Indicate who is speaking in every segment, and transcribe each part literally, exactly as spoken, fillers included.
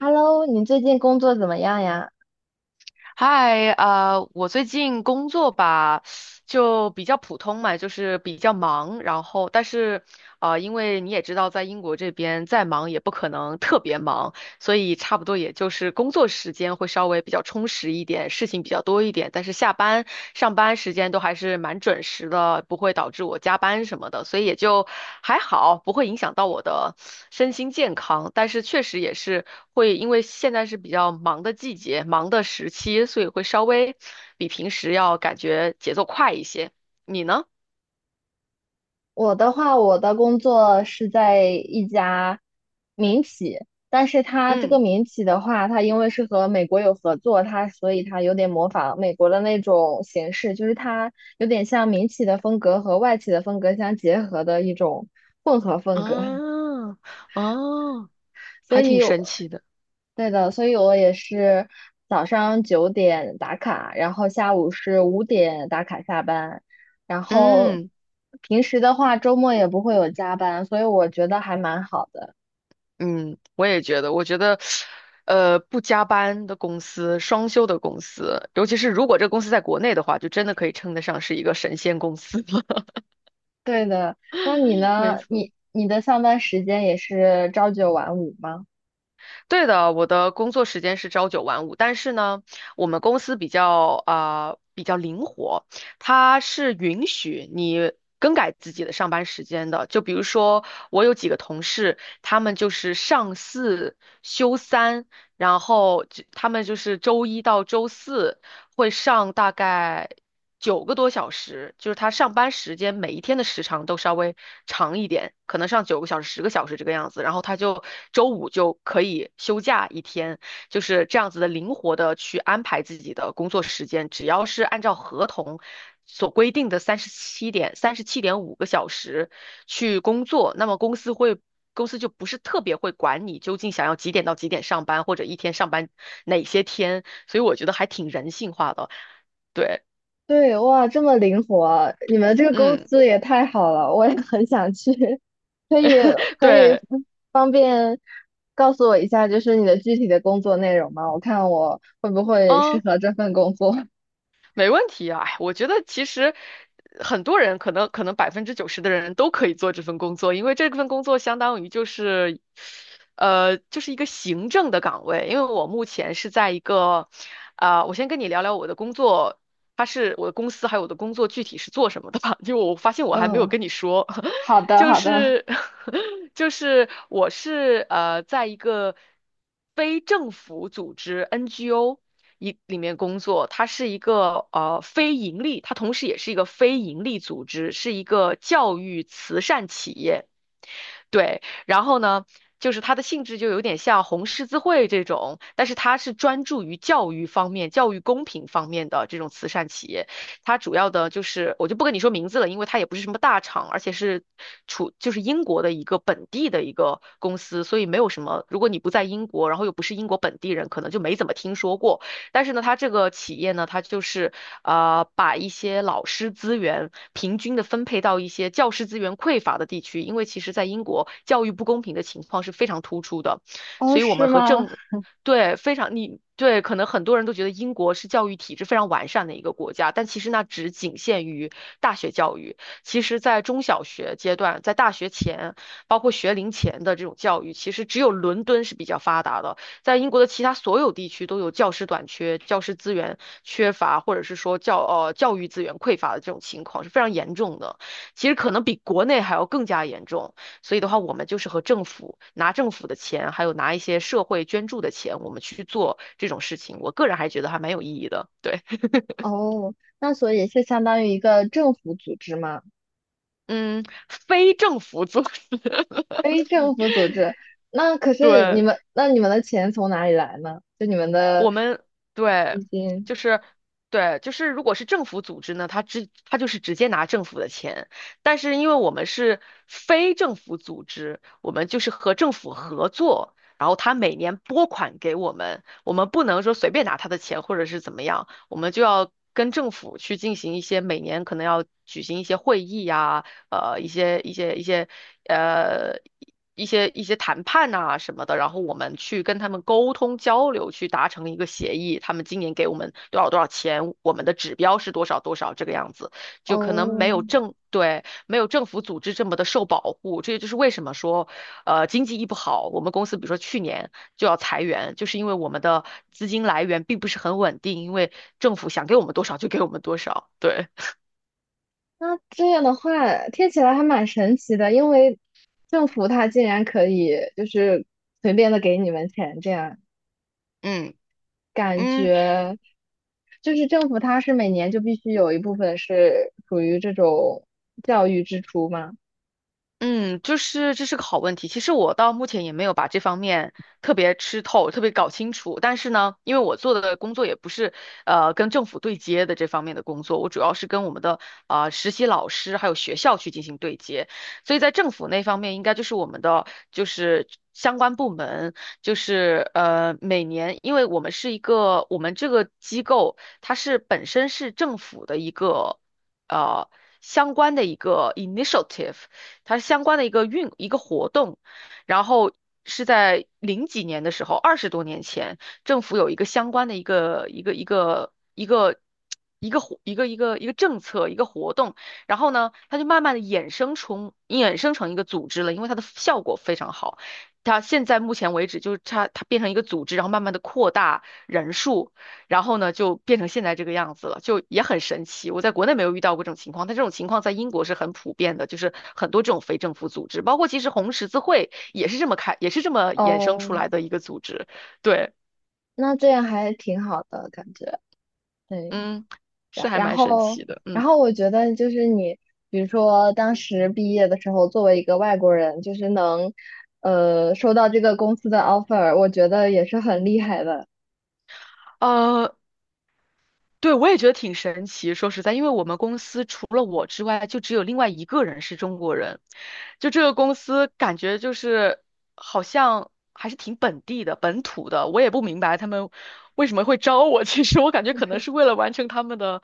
Speaker 1: Hello，你最近工作怎么样呀？
Speaker 2: 嗨，呃，我最近工作吧，就比较普通嘛，就是比较忙，然后但是，呃，因为你也知道，在英国这边再忙也不可能特别忙，所以差不多也就是工作时间会稍微比较充实一点，事情比较多一点，但是下班、上班时间都还是蛮准时的，不会导致我加班什么的，所以也就还好，不会影响到我的身心健康。但是确实也是会，因为现在是比较忙的季节、忙的时期，所以会稍微比平时要感觉节奏快一些。你呢？
Speaker 1: 我的话，我的工作是在一家民企，但是它这个
Speaker 2: 嗯，
Speaker 1: 民企的话，它因为是和美国有合作，它所以它有点模仿美国的那种形式，就是它有点像民企的风格和外企的风格相结合的一种混合风格，
Speaker 2: 啊，哦，
Speaker 1: 所
Speaker 2: 还挺
Speaker 1: 以
Speaker 2: 神奇的。
Speaker 1: 对的，所以我也是早上九点打卡，然后下午是五点打卡下班，然后
Speaker 2: 嗯。
Speaker 1: 平时的话，周末也不会有加班，所以我觉得还蛮好的。
Speaker 2: 嗯，我也觉得，我觉得，呃，不加班的公司，双休的公司，尤其是如果这个公司在国内的话，就真的可以称得上是一个神仙公司了。
Speaker 1: 对的，那你
Speaker 2: 没
Speaker 1: 呢？
Speaker 2: 错，
Speaker 1: 你你的上班时间也是朝九晚五吗？
Speaker 2: 对的，我的工作时间是朝九晚五，但是呢，我们公司比较啊、呃比较灵活，它是允许你更改自己的上班时间的。就比如说，我有几个同事，他们就是上四休三，然后就他们就是周一到周四。会上大概九个多小时，就是他上班时间每一天的时长都稍微长一点，可能上九个小时、十个小时这个样子。然后他就周五就可以休假一天，就是这样子的灵活的去安排自己的工作时间，只要是按照合同所规定的三十七点三十七点五个小时去工作，那么公司会。公司就不是特别会管你究竟想要几点到几点上班，或者一天上班哪些天，所以我觉得还挺人性化的。对，
Speaker 1: 对，哇，这么灵活，你们这个公
Speaker 2: 嗯，
Speaker 1: 司也太好了，我也 很想去。可以可以
Speaker 2: 对，
Speaker 1: 方便告诉我一下，就是你的具体的工作内容吗？我看我会不会适
Speaker 2: 嗯，
Speaker 1: 合这份工作。
Speaker 2: 没问题啊，哎我觉得其实很多人可能可能百分之九十的人都可以做这份工作，因为这份工作相当于就是，呃，就是一个行政的岗位。因为我目前是在一个，啊、我先跟你聊聊我的工作，它是我的公司还有我的工作具体是做什么的吧，因为我发 现我还没有
Speaker 1: 嗯，
Speaker 2: 跟你说，
Speaker 1: 好 的
Speaker 2: 就
Speaker 1: 好的。
Speaker 2: 是 就是我是呃在一个非政府组织 N G O 一里面工作，它是一个呃非盈利，它同时也是一个非盈利组织，是一个教育慈善企业。对，然后呢，就是它的性质就有点像红十字会这种，但是它是专注于教育方面、教育公平方面的这种慈善企业。它主要的就是，我就不跟你说名字了，因为它也不是什么大厂，而且是处就是英国的一个本地的一个公司，所以没有什么。如果你不在英国，然后又不是英国本地人，可能就没怎么听说过。但是呢，它这个企业呢，它就是呃，把一些老师资源平均的分配到一些教师资源匮乏的地区，因为其实在英国教育不公平的情况是非常突出的，
Speaker 1: 哦，
Speaker 2: 所以我
Speaker 1: 是
Speaker 2: 们和
Speaker 1: 吗？
Speaker 2: 政对，非常你对，可能很多人都觉得英国是教育体制非常完善的一个国家，但其实那只仅限于大学教育。其实，在中小学阶段，在大学前，包括学龄前的这种教育，其实只有伦敦是比较发达的。在英国的其他所有地区都有教师短缺、教师资源缺乏，或者是说教呃教育资源匮乏的这种情况是非常严重的，其实可能比国内还要更加严重。所以的话，我们就是和政府拿政府的钱，还有拿一些社会捐助的钱，我们去做这种事情，我个人还觉得还蛮有意义的。对，
Speaker 1: 哦，那所以是相当于一个政府组织吗？
Speaker 2: 嗯，非政府组织，
Speaker 1: 非政府组织，那可是你
Speaker 2: 对。
Speaker 1: 们，那你们的钱从哪里来呢？就你们的
Speaker 2: 我们
Speaker 1: 资
Speaker 2: 对，
Speaker 1: 金。
Speaker 2: 就是对，就是如果是政府组织呢，他直他就是直接拿政府的钱，但是因为我们是非政府组织，我们就是和政府合作，然后他每年拨款给我们，我们不能说随便拿他的钱或者是怎么样，我们就要跟政府去进行一些每年可能要举行一些会议呀、呃一些一些一些呃一些一些谈判呐、什么的，然后我们去跟他们沟通交流，去达成一个协议。他们今年给我们多少多少钱，我们的指标是多少多少这个样子，就可能
Speaker 1: 哦，
Speaker 2: 没有政对，没有政府组织这么的受保护。这也就是为什么说，呃，经济一不好，我们公司比如说去年就要裁员，就是因为我们的资金来源并不是很稳定，因为政府想给我们多少就给我们多少，对。
Speaker 1: 那这样的话听起来还蛮神奇的，因为政府它竟然可以就是随便的给你们钱，这样
Speaker 2: 嗯
Speaker 1: 感
Speaker 2: 嗯，
Speaker 1: 觉就是政府它是每年就必须有一部分是属于这种教育支出吗？
Speaker 2: 嗯，就是这是个好问题。其实我到目前也没有把这方面特别吃透、特别搞清楚。但是呢，因为我做的工作也不是呃跟政府对接的这方面的工作，我主要是跟我们的啊、呃实习老师还有学校去进行对接。所以在政府那方面，应该就是我们的就是相关部门，就是呃每年，因为我们是一个我们这个机构，它是本身是政府的一个呃。相关的一个 initiative，它相关的一个运一个活动，然后是在零几年的时候，二十多年前，政府有一个相关的一个一个一个一个一个活一个一个一个政策一个活动，然后呢，它就慢慢的衍生出衍生成一个组织了，因为它的效果非常好。它现在目前为止，就是它它变成一个组织，然后慢慢的扩大人数。然后呢，就变成现在这个样子了，就也很神奇。我在国内没有遇到过这种情况，但这种情况在英国是很普遍的，就是很多这种非政府组织，包括其实红十字会也是这么开，也是这么衍生
Speaker 1: 哦，
Speaker 2: 出来的一个组织。对，
Speaker 1: 那这样还挺好的感觉，对。
Speaker 2: 嗯，是
Speaker 1: 然
Speaker 2: 还
Speaker 1: 然
Speaker 2: 蛮神
Speaker 1: 后，
Speaker 2: 奇的，
Speaker 1: 然
Speaker 2: 嗯，
Speaker 1: 后我觉得就是你，比如说当时毕业的时候，作为一个外国人，就是能，呃，收到这个公司的 offer，我觉得也是很厉害的。
Speaker 2: 呃，对，我也觉得挺神奇。说实在，因为我们公司除了我之外，就只有另外一个人是中国人。就这个公司，感觉就是好像还是挺本地的、本土的。我也不明白他们为什么会招我。其实我感觉可能是为了完成他们的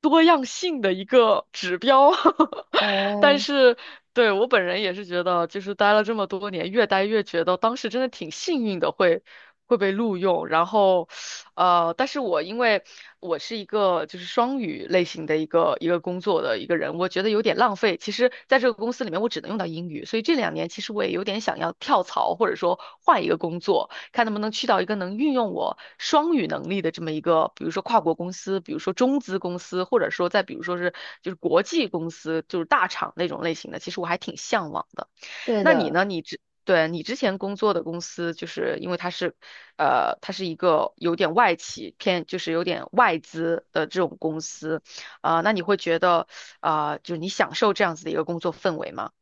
Speaker 2: 多样性的一个指标。但
Speaker 1: 哦，
Speaker 2: 是对我本人也是觉得，就是待了这么多年，越待越觉得当时真的挺幸运的，会会被录用，然后。呃，但是我因为我是一个就是双语类型的一个一个工作的一个人，我觉得有点浪费。其实在这个公司里面，我只能用到英语，所以这两年其实我也有点想要跳槽，或者说换一个工作，看能不能去到一个能运用我双语能力的这么一个，比如说跨国公司，比如说中资公司，或者说再比如说是就是国际公司，就是大厂那种类型的，其实我还挺向往的。
Speaker 1: 对
Speaker 2: 那你
Speaker 1: 的，
Speaker 2: 呢？你之对你之前工作的公司，就是因为它是，呃，它是一个有点外企偏，就是有点外资的这种公司，啊、那你会觉得，啊、就是你享受这样子的一个工作氛围吗？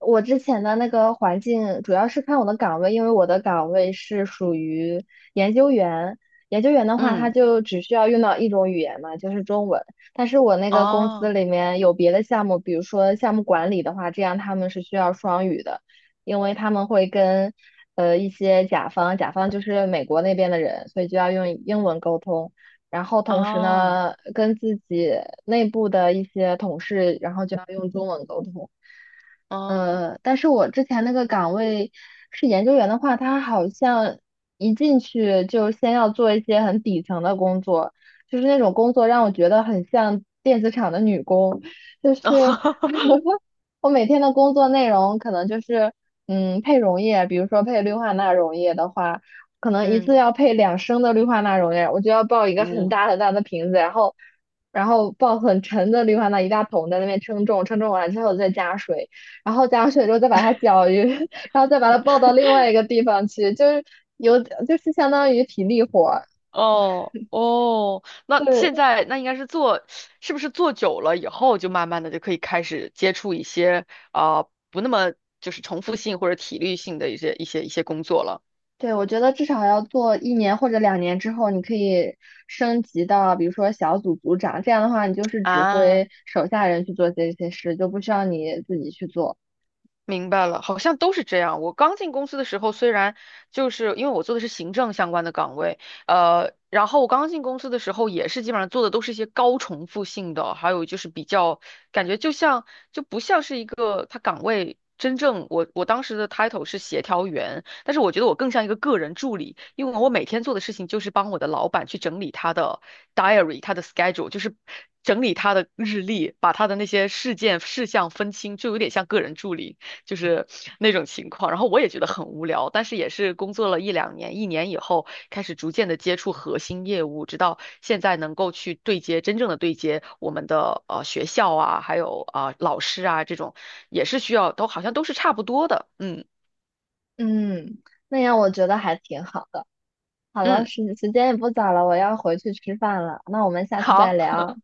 Speaker 1: 我之前的那个环境主要是看我的岗位，因为我的岗位是属于研究员。研究员的话，他
Speaker 2: 嗯，
Speaker 1: 就只需要用到一种语言嘛，就是中文。但是我那个公司
Speaker 2: 哦，
Speaker 1: 里面有别的项目，比如说项目管理的话，这样他们是需要双语的，因为他们会跟呃一些甲方，甲方就是美国那边的人，所以就要用英文沟通。然后同时
Speaker 2: 哦，
Speaker 1: 呢，跟自己内部的一些同事，然后就要用中文沟通。
Speaker 2: 哦，
Speaker 1: 呃，但是我之前那个岗位是研究员的话，他好像一进去就先要做一些很底层的工作，就是那种工作让我觉得很像电子厂的女工，就是 我每天的工作内容可能就是嗯配溶液，比如说配氯化钠溶液的话，可能一次
Speaker 2: 嗯。
Speaker 1: 要配两升的氯化钠溶液，我就要抱一个很
Speaker 2: 我
Speaker 1: 大很大的瓶子，然后。然后抱很沉的氯化钠一大桶在那边称重，称重完之后再加水，然后加上水之后再把它搅匀，然后再把它抱到另外一个地方去，就是有就是相当于体力活儿。
Speaker 2: 哦哦，那现
Speaker 1: 对
Speaker 2: 在那应该是做，是不是做久了以后就慢慢的就可以开始接触一些啊、呃不那么就是重复性或者体力性的一些一些一些工作了
Speaker 1: 对，我觉得至少要做一年或者两年之后，你可以升级到比如说小组组长，这样的话你就是指
Speaker 2: 啊？
Speaker 1: 挥手下人去做这些事，就不需要你自己去做。
Speaker 2: 明白了，好像都是这样。我刚进公司的时候，虽然就是因为我做的是行政相关的岗位，呃，然后我刚进公司的时候也是基本上做的都是一些高重复性的，还有就是比较感觉就像就不像是一个他岗位真正我我当时的 title 是协调员，但是我觉得我更像一个个人助理，因为我每天做的事情就是帮我的老板去整理他的 diary，他的 schedule，就是整理他的日历，把他的那些事件事项分清，就有点像个人助理。就是那种情况。然后我也觉得很无聊，但是也是工作了一两年，一年以后开始逐渐的接触核心业务，直到现在能够去对接真正的对接我们的呃学校啊，还有啊、呃老师啊这种，也是需要都好像都是差不多的。嗯
Speaker 1: 嗯，那样我觉得还挺好的。好了，
Speaker 2: 嗯，
Speaker 1: 时时间也不早了，我要回去吃饭了。那我们下次再
Speaker 2: 好
Speaker 1: 聊。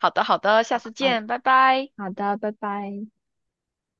Speaker 2: 好的好的，下次
Speaker 1: 好
Speaker 2: 见，拜拜。
Speaker 1: 好的，拜拜。